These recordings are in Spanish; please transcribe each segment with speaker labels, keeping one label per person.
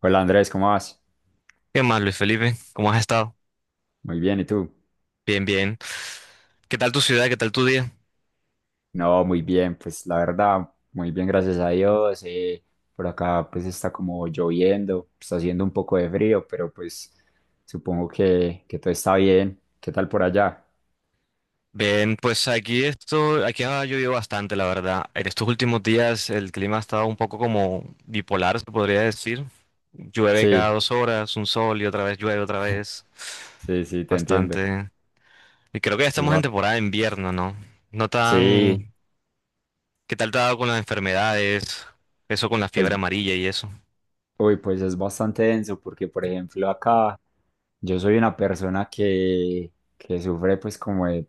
Speaker 1: Hola Andrés, ¿cómo vas?
Speaker 2: ¿Qué más, Luis Felipe? ¿Cómo has estado?
Speaker 1: Muy bien, ¿y tú?
Speaker 2: Bien, bien. ¿Qué tal tu ciudad? ¿Qué tal tu día?
Speaker 1: No, muy bien, pues la verdad, muy bien, gracias a Dios. Por acá pues está como lloviendo, está haciendo un poco de frío, pero pues supongo que todo está bien. ¿Qué tal por allá?
Speaker 2: Bien, pues aquí esto, aquí ha llovido bastante, la verdad. En estos últimos días el clima ha estado un poco como bipolar, se podría decir. Llueve cada
Speaker 1: Sí,
Speaker 2: 2 horas, un sol y otra vez llueve otra vez.
Speaker 1: sí, sí, te entiendo.
Speaker 2: Bastante. Y creo que ya
Speaker 1: Es
Speaker 2: estamos en
Speaker 1: ba-
Speaker 2: temporada de invierno, ¿no? No
Speaker 1: sí,
Speaker 2: tan. ¿Qué tal te ha dado con las enfermedades? Eso con la
Speaker 1: es,
Speaker 2: fiebre amarilla y eso.
Speaker 1: Uy, pues es bastante denso porque, por ejemplo, acá yo soy una persona que sufre pues como de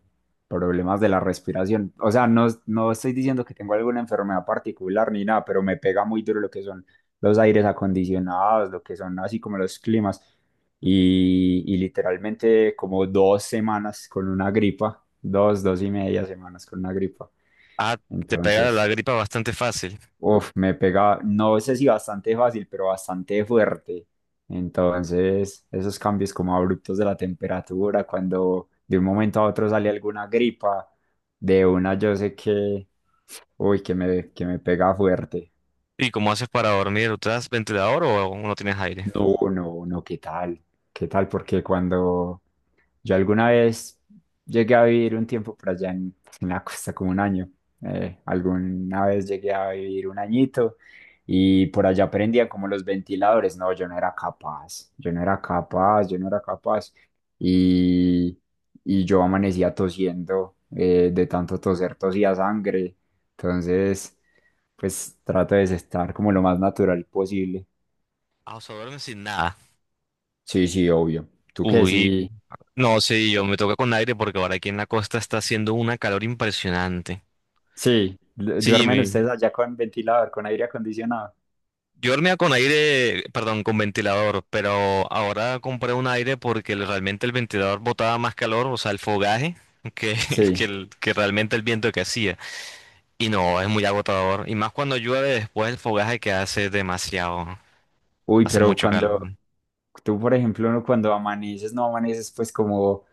Speaker 1: problemas de la respiración. O sea, no, no estoy diciendo que tengo alguna enfermedad particular ni nada, pero me pega muy duro lo que son los aires acondicionados, lo que son así como los climas. Y literalmente como 2 semanas con una gripa, dos, dos y media semanas con una gripa.
Speaker 2: Ah, te pega la
Speaker 1: Entonces,
Speaker 2: gripa bastante fácil.
Speaker 1: uf, me pega, no sé si bastante fácil, pero bastante fuerte. Entonces, esos cambios como abruptos de la temperatura, cuando de un momento a otro sale alguna gripa, de una yo sé que, uy, que me pega fuerte.
Speaker 2: ¿Y cómo haces para dormir? ¿Usas ventilador o aún no tienes aire?
Speaker 1: No, no, no, ¿qué tal? ¿Qué tal? Porque cuando yo alguna vez llegué a vivir un tiempo por allá en la costa, como un año, alguna vez llegué a vivir un añito y por allá aprendía como los ventiladores. No, yo no era capaz, yo no era capaz, yo no era capaz. Y, y yo amanecía tosiendo, de tanto toser, tosía sangre. Entonces, pues trato de estar como lo más natural posible.
Speaker 2: Ah, o sea, duermes sin nada.
Speaker 1: Sí, sí, obvio. ¿Tú qué?
Speaker 2: Uy,
Speaker 1: Sí,
Speaker 2: no, sí, yo me toca con aire porque ahora aquí en la costa está haciendo una calor impresionante.
Speaker 1: sí.
Speaker 2: Sí,
Speaker 1: ¿Duermen ustedes allá con ventilador, con aire acondicionado?
Speaker 2: yo dormía con aire, perdón, con ventilador, pero ahora compré un aire porque realmente el ventilador botaba más calor, o sea, el fogaje, que,
Speaker 1: Sí.
Speaker 2: que realmente el viento que hacía. Y no, es muy agotador. Y más cuando llueve después el fogaje que hace demasiado,
Speaker 1: Uy,
Speaker 2: hace
Speaker 1: pero
Speaker 2: mucho
Speaker 1: cuando
Speaker 2: calor.
Speaker 1: tú, por ejemplo, cuando amaneces, no amaneces pues como,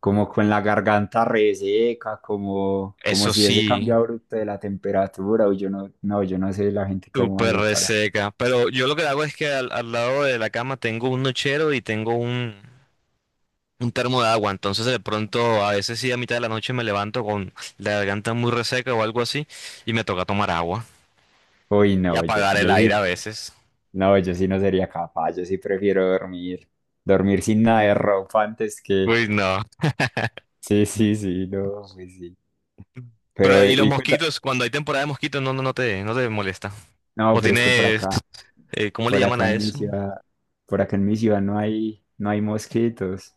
Speaker 1: como, con la garganta reseca, como
Speaker 2: Eso
Speaker 1: si ese
Speaker 2: sí.
Speaker 1: cambio abrupto de la temperatura, uy, yo no, no, yo no sé la gente cómo
Speaker 2: Súper
Speaker 1: hace para.
Speaker 2: reseca. Pero yo lo que hago es que al lado de la cama tengo un nochero y tengo un termo de agua. Entonces de pronto a veces sí a mitad de la noche me levanto con la garganta muy reseca o algo así y me toca tomar agua
Speaker 1: Uy,
Speaker 2: y
Speaker 1: no, yo,
Speaker 2: apagar el
Speaker 1: yo
Speaker 2: aire
Speaker 1: sí,
Speaker 2: a veces.
Speaker 1: no, yo sí no sería capaz, yo sí prefiero dormir, sin nada de ropa antes que.
Speaker 2: Uy, no.
Speaker 1: Sí, sí, sí, no, pues sí.
Speaker 2: Pero
Speaker 1: Pero,
Speaker 2: y los
Speaker 1: y cuenta,
Speaker 2: mosquitos, cuando hay temporada de mosquitos, no, no te molesta.
Speaker 1: no,
Speaker 2: O
Speaker 1: pero es que
Speaker 2: tienes, ¿cómo le
Speaker 1: por
Speaker 2: llaman
Speaker 1: acá
Speaker 2: a
Speaker 1: en mi
Speaker 2: eso?
Speaker 1: ciudad, por acá en mi ciudad no hay, no hay mosquitos,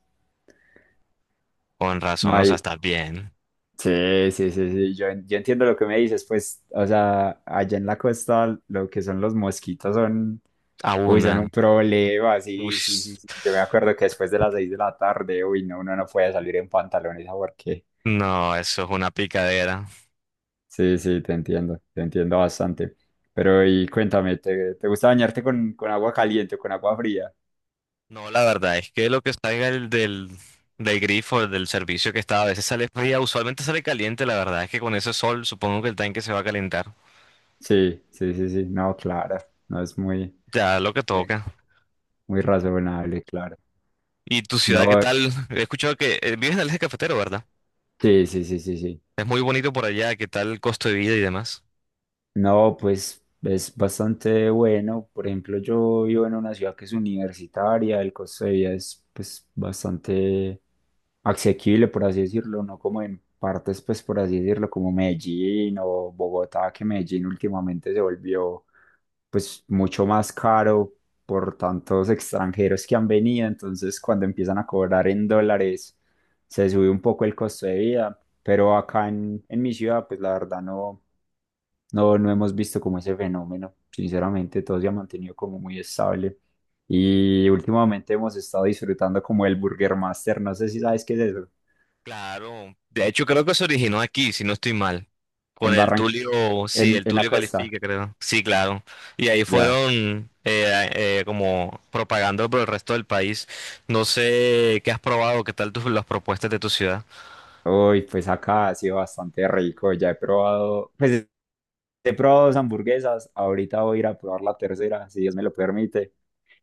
Speaker 2: Con
Speaker 1: no
Speaker 2: razón, o sea,
Speaker 1: hay,
Speaker 2: estás bien.
Speaker 1: sí, sí, sí, sí, yo entiendo lo que me dices, pues, o sea, allá en la costa lo que son los mosquitos son, uy, son
Speaker 2: Abundan.
Speaker 1: un problema,
Speaker 2: Uy,
Speaker 1: sí, sí, sí, sí, yo me acuerdo que después de las 6 de la tarde, uy, no, uno no puede salir en pantalones a porque,
Speaker 2: no, eso es una picadera.
Speaker 1: sí, sí, te entiendo bastante, pero, y cuéntame, ¿te gusta bañarte con agua caliente o con agua fría?
Speaker 2: No, la verdad es que lo que salga del grifo, del servicio que está, a veces sale fría, usualmente sale caliente, la verdad es que con ese sol supongo que el tanque se va a calentar.
Speaker 1: Sí, sí, sí, sí, no, claro, no es
Speaker 2: Ya lo que
Speaker 1: muy
Speaker 2: toca.
Speaker 1: muy razonable, claro.
Speaker 2: ¿Y tu ciudad qué
Speaker 1: No,
Speaker 2: tal? He escuchado que vives en el eje cafetero, ¿verdad?
Speaker 1: sí, sí, sí, sí, sí.
Speaker 2: Es muy bonito por allá, ¿qué tal el costo de vida y demás?
Speaker 1: No, pues es bastante bueno. Por ejemplo, yo vivo en una ciudad que es universitaria, el costo de vida es pues bastante asequible, por así decirlo, no como en partes, pues por así decirlo, como Medellín o Bogotá, que Medellín últimamente se volvió pues mucho más caro por tantos extranjeros que han venido, entonces cuando empiezan a cobrar en dólares se sube un poco el costo de vida, pero acá en mi ciudad pues la verdad no, no hemos visto como ese fenómeno. Sinceramente, todo se ha mantenido como muy estable. Y últimamente hemos estado disfrutando como el Burger Master. No sé si sabes qué es eso.
Speaker 2: Claro. De hecho, creo que se originó aquí, si no estoy mal. Con
Speaker 1: En
Speaker 2: el
Speaker 1: Barranquilla,
Speaker 2: Tulio, sí,
Speaker 1: en,
Speaker 2: el
Speaker 1: en la
Speaker 2: Tulio
Speaker 1: costa.
Speaker 2: califica, creo. Sí, claro. Y ahí
Speaker 1: Ya.
Speaker 2: fueron como propagando por el resto del país. No sé qué has probado, qué tal tus, las propuestas de tu ciudad.
Speaker 1: Uy, pues acá ha sido bastante rico. Ya he probado, pues he probado dos hamburguesas. Ahorita voy a ir a probar la tercera, si Dios me lo permite.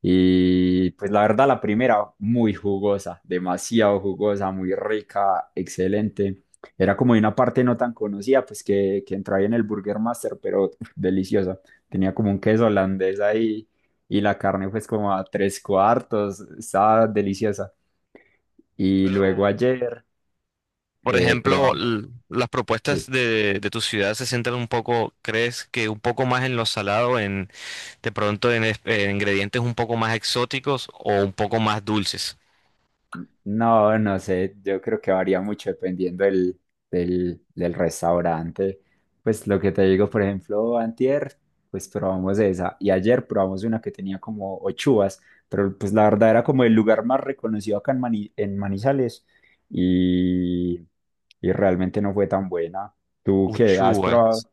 Speaker 1: Y pues la verdad, la primera, muy jugosa, demasiado jugosa, muy rica, excelente. Era como de una parte no tan conocida, pues que entraba ahí en el Burger Master, pero uf, deliciosa. Tenía como un queso holandés ahí y la carne pues como a tres cuartos, estaba deliciosa. Y
Speaker 2: Pero,
Speaker 1: luego ayer.
Speaker 2: por
Speaker 1: Pero
Speaker 2: ejemplo, las propuestas
Speaker 1: sí.
Speaker 2: de tu ciudad se centran un poco, ¿crees que un poco más en lo salado, en de pronto en, en ingredientes un poco más exóticos o un poco más dulces?
Speaker 1: No, no sé, yo creo que varía mucho dependiendo del, del restaurante. Pues lo que te digo, por ejemplo, antier, pues probamos esa y ayer probamos una que tenía como ochuas, pero pues la verdad era como el lugar más reconocido acá en Manizales y, y realmente no fue tan buena. ¿Tú qué has probado?
Speaker 2: Uchuvas.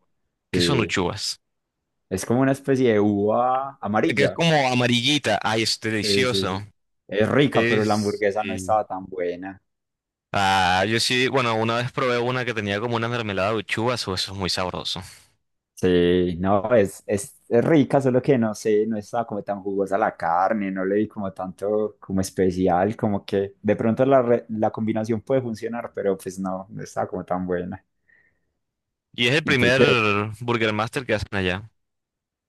Speaker 2: ¿Qué son
Speaker 1: Sí,
Speaker 2: uchuvas?
Speaker 1: es como una especie de uva
Speaker 2: Este que es
Speaker 1: amarilla.
Speaker 2: como amarillita. Ay, es
Speaker 1: Sí, sí,
Speaker 2: delicioso.
Speaker 1: sí. Es rica, pero la
Speaker 2: Es.
Speaker 1: hamburguesa no
Speaker 2: Sí.
Speaker 1: estaba tan buena.
Speaker 2: Ah, yo sí, bueno, una vez probé una que tenía como una mermelada de uchuvas, eso es muy sabroso.
Speaker 1: Sí, no, es, es rica, solo que no sé, no estaba como tan jugosa la carne, no le vi como tanto como especial, como que de pronto la combinación puede funcionar, pero pues no, no estaba como tan buena.
Speaker 2: Y es el
Speaker 1: ¿Y tú
Speaker 2: primer
Speaker 1: qué?
Speaker 2: Burger Master que hacen allá.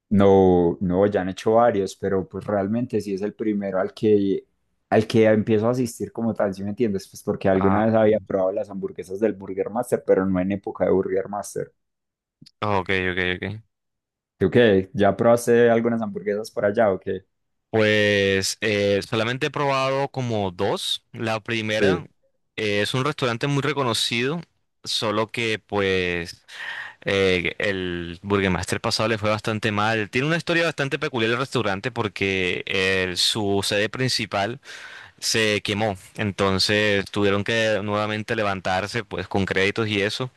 Speaker 1: No, no, ya han hecho varios, pero pues realmente sí es el primero al que empiezo a asistir como tal, ¿si me entiendes? Pues porque
Speaker 2: Ah,
Speaker 1: alguna vez había probado las hamburguesas del Burger Master, pero no en época de Burger Master.
Speaker 2: ok, ok, ok.
Speaker 1: ¿Tú qué? ¿Ya probaste algunas hamburguesas por allá o qué?
Speaker 2: Pues solamente he probado como dos. La
Speaker 1: Sí,
Speaker 2: primera es un restaurante muy reconocido, solo que pues el Burgermeister pasado le fue bastante mal. Tiene una historia bastante peculiar el restaurante porque su sede principal se quemó. Entonces tuvieron que nuevamente levantarse pues con créditos y eso.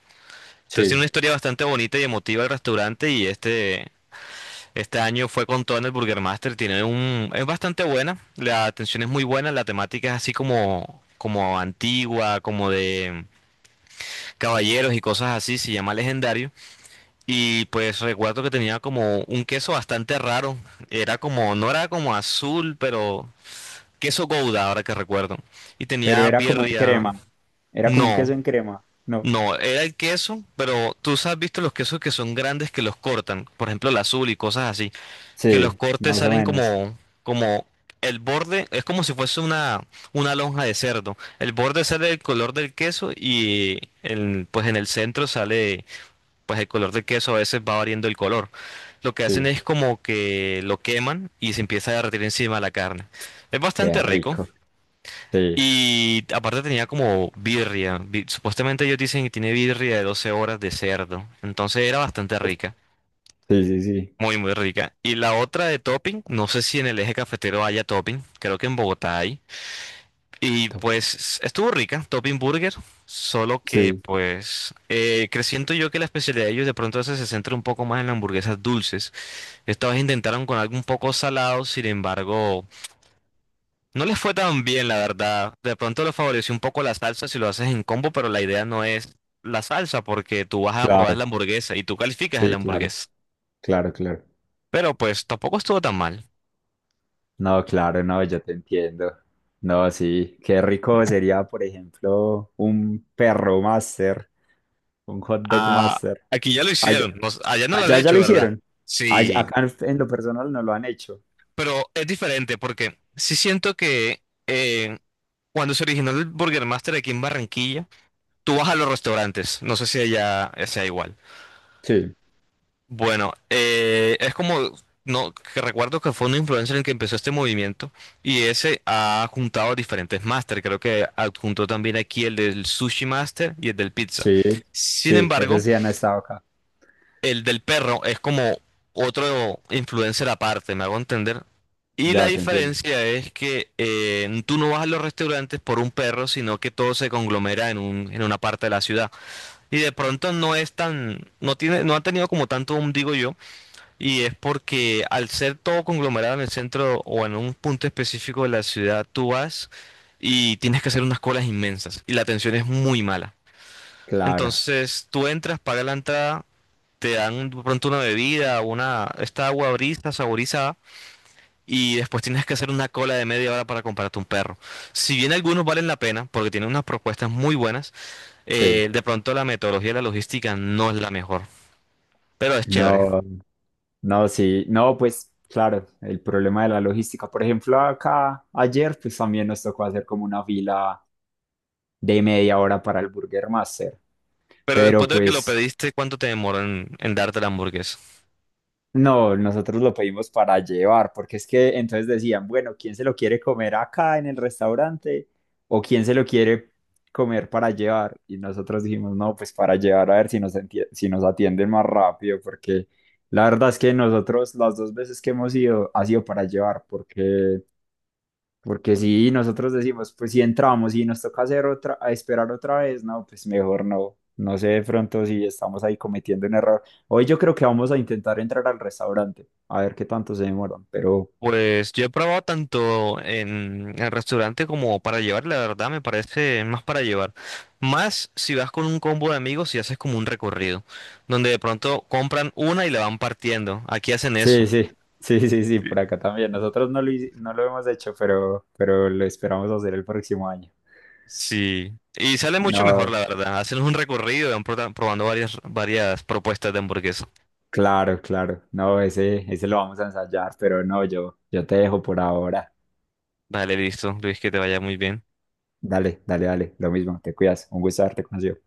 Speaker 2: Entonces tiene
Speaker 1: sí.
Speaker 2: una historia bastante bonita y emotiva el restaurante y este año fue con todo en el Burgermeister. Tiene un, es bastante buena, la atención es muy buena, la temática es así como, como antigua, como de caballeros y cosas así, se llama Legendario. Y pues recuerdo que tenía como un queso bastante raro. Era como, no era como azul, pero queso Gouda, ahora que recuerdo. Y
Speaker 1: Pero
Speaker 2: tenía
Speaker 1: era como en
Speaker 2: birria.
Speaker 1: crema. Era como un queso
Speaker 2: No,
Speaker 1: en crema. No.
Speaker 2: no, era el queso, pero tú has visto los quesos que son grandes que los cortan. Por ejemplo, el azul y cosas así. Que los
Speaker 1: Sí,
Speaker 2: cortes
Speaker 1: más o
Speaker 2: salen
Speaker 1: menos.
Speaker 2: como, como el borde, es como si fuese una lonja de cerdo. El borde sale del color del queso y el, pues en el centro sale pues el color del queso a veces va variando el color. Lo que hacen
Speaker 1: Sí.
Speaker 2: es como que lo queman y se empieza a derretir encima la carne. Es
Speaker 1: Qué
Speaker 2: bastante rico.
Speaker 1: rico. Sí.
Speaker 2: Y aparte tenía como birria. Supuestamente ellos dicen que tiene birria de 12 horas de cerdo. Entonces era bastante
Speaker 1: Uf,
Speaker 2: rica.
Speaker 1: sí, sí, sí.
Speaker 2: Muy, muy rica. Y la otra de topping, no sé si en el eje cafetero haya topping. Creo que en Bogotá hay. Y
Speaker 1: Top.
Speaker 2: pues estuvo rica, Topping Burger, solo que
Speaker 1: Sí,
Speaker 2: pues siento yo que la especialidad de ellos de pronto se centra un poco más en las hamburguesas dulces. Esta vez intentaron con algo un poco salado, sin embargo, no les fue tan bien, la verdad. De pronto les favoreció un poco la salsa si lo haces en combo, pero la idea no es la salsa porque tú vas a probar
Speaker 1: claro.
Speaker 2: la hamburguesa y tú calificas la
Speaker 1: Sí, claro.
Speaker 2: hamburguesa.
Speaker 1: Claro, claro.
Speaker 2: Pero pues tampoco estuvo tan mal.
Speaker 1: No, claro, no, yo te entiendo. No, sí, qué rico sería, por ejemplo, un perro master, un hot dog
Speaker 2: Ah,
Speaker 1: master.
Speaker 2: aquí ya lo
Speaker 1: Allá,
Speaker 2: hicieron, no s- allá no lo han
Speaker 1: allá ya
Speaker 2: hecho,
Speaker 1: lo
Speaker 2: ¿verdad?
Speaker 1: hicieron. Allá-
Speaker 2: Sí.
Speaker 1: acá en lo personal no lo han hecho.
Speaker 2: Pero es diferente porque sí siento que cuando se originó el Burger Master aquí en Barranquilla, tú vas a los restaurantes, no sé si allá sea igual.
Speaker 1: Sí,
Speaker 2: Bueno, es como, no, que recuerdo que fue un influencer el que empezó este movimiento y ese ha juntado diferentes máster, creo que adjuntó también aquí el del Sushi Master y el del Pizza.
Speaker 1: sí,
Speaker 2: Sin
Speaker 1: sí, eso
Speaker 2: embargo,
Speaker 1: sí han estado acá.
Speaker 2: el del perro es como otro influencer aparte, me hago entender. Y la
Speaker 1: Ya te entiendo.
Speaker 2: diferencia es que tú no vas a los restaurantes por un perro, sino que todo se conglomera en un, en una parte de la ciudad. Y de pronto no es tan, no tiene, no ha tenido como tanto boom, digo yo, y es porque al ser todo conglomerado en el centro o en un punto específico de la ciudad, tú vas y tienes que hacer unas colas inmensas y la atención es muy mala.
Speaker 1: Claro,
Speaker 2: Entonces tú entras, pagas la entrada te dan de pronto una bebida, una, esta agua brisa saborizada, y después tienes que hacer una cola de media hora para comprarte un perro. Si bien algunos valen la pena, porque tienen unas propuestas muy buenas,
Speaker 1: sí.
Speaker 2: de pronto la metodología y la logística no es la mejor, pero es chévere.
Speaker 1: No, no, sí, no, pues claro, el problema de la logística. Por ejemplo, acá ayer, pues también nos tocó hacer como una fila de media hora para el Burger Master.
Speaker 2: Pero después
Speaker 1: Pero
Speaker 2: de que lo
Speaker 1: pues
Speaker 2: pediste, ¿cuánto te demoró en darte la hamburguesa?
Speaker 1: no, nosotros lo pedimos para llevar, porque es que entonces decían, bueno, ¿quién se lo quiere comer acá en el restaurante? ¿O quién se lo quiere comer para llevar? Y nosotros dijimos, no, pues para llevar a ver si nos atienden más rápido, porque la verdad es que nosotros las dos veces que hemos ido ha sido para llevar, porque si nosotros decimos, pues si entramos y nos toca hacer otra, a esperar otra vez, no, pues mejor no. No sé de pronto si estamos ahí cometiendo un error. Hoy yo creo que vamos a intentar entrar al restaurante, a ver qué tanto se demoran. Pero
Speaker 2: Pues yo he probado tanto en el restaurante como para llevar, la verdad me parece más para llevar. Más si vas con un combo de amigos y haces como un recorrido, donde de pronto compran una y la van partiendo. Aquí hacen eso.
Speaker 1: sí, sí, sí, sí, sí, por acá también. Nosotros no lo hemos hecho, pero lo esperamos hacer el próximo año.
Speaker 2: Sí. Y sale mucho mejor,
Speaker 1: No,
Speaker 2: la verdad. Hacen un recorrido y van probando varias, varias propuestas de hamburguesa.
Speaker 1: claro, claro. No, ese lo vamos a ensayar, pero no, yo te dejo por ahora.
Speaker 2: Vale, listo, Luis, que te vaya muy bien.
Speaker 1: Dale, dale, dale. Lo mismo, te cuidas. Un gusto haberte conocido.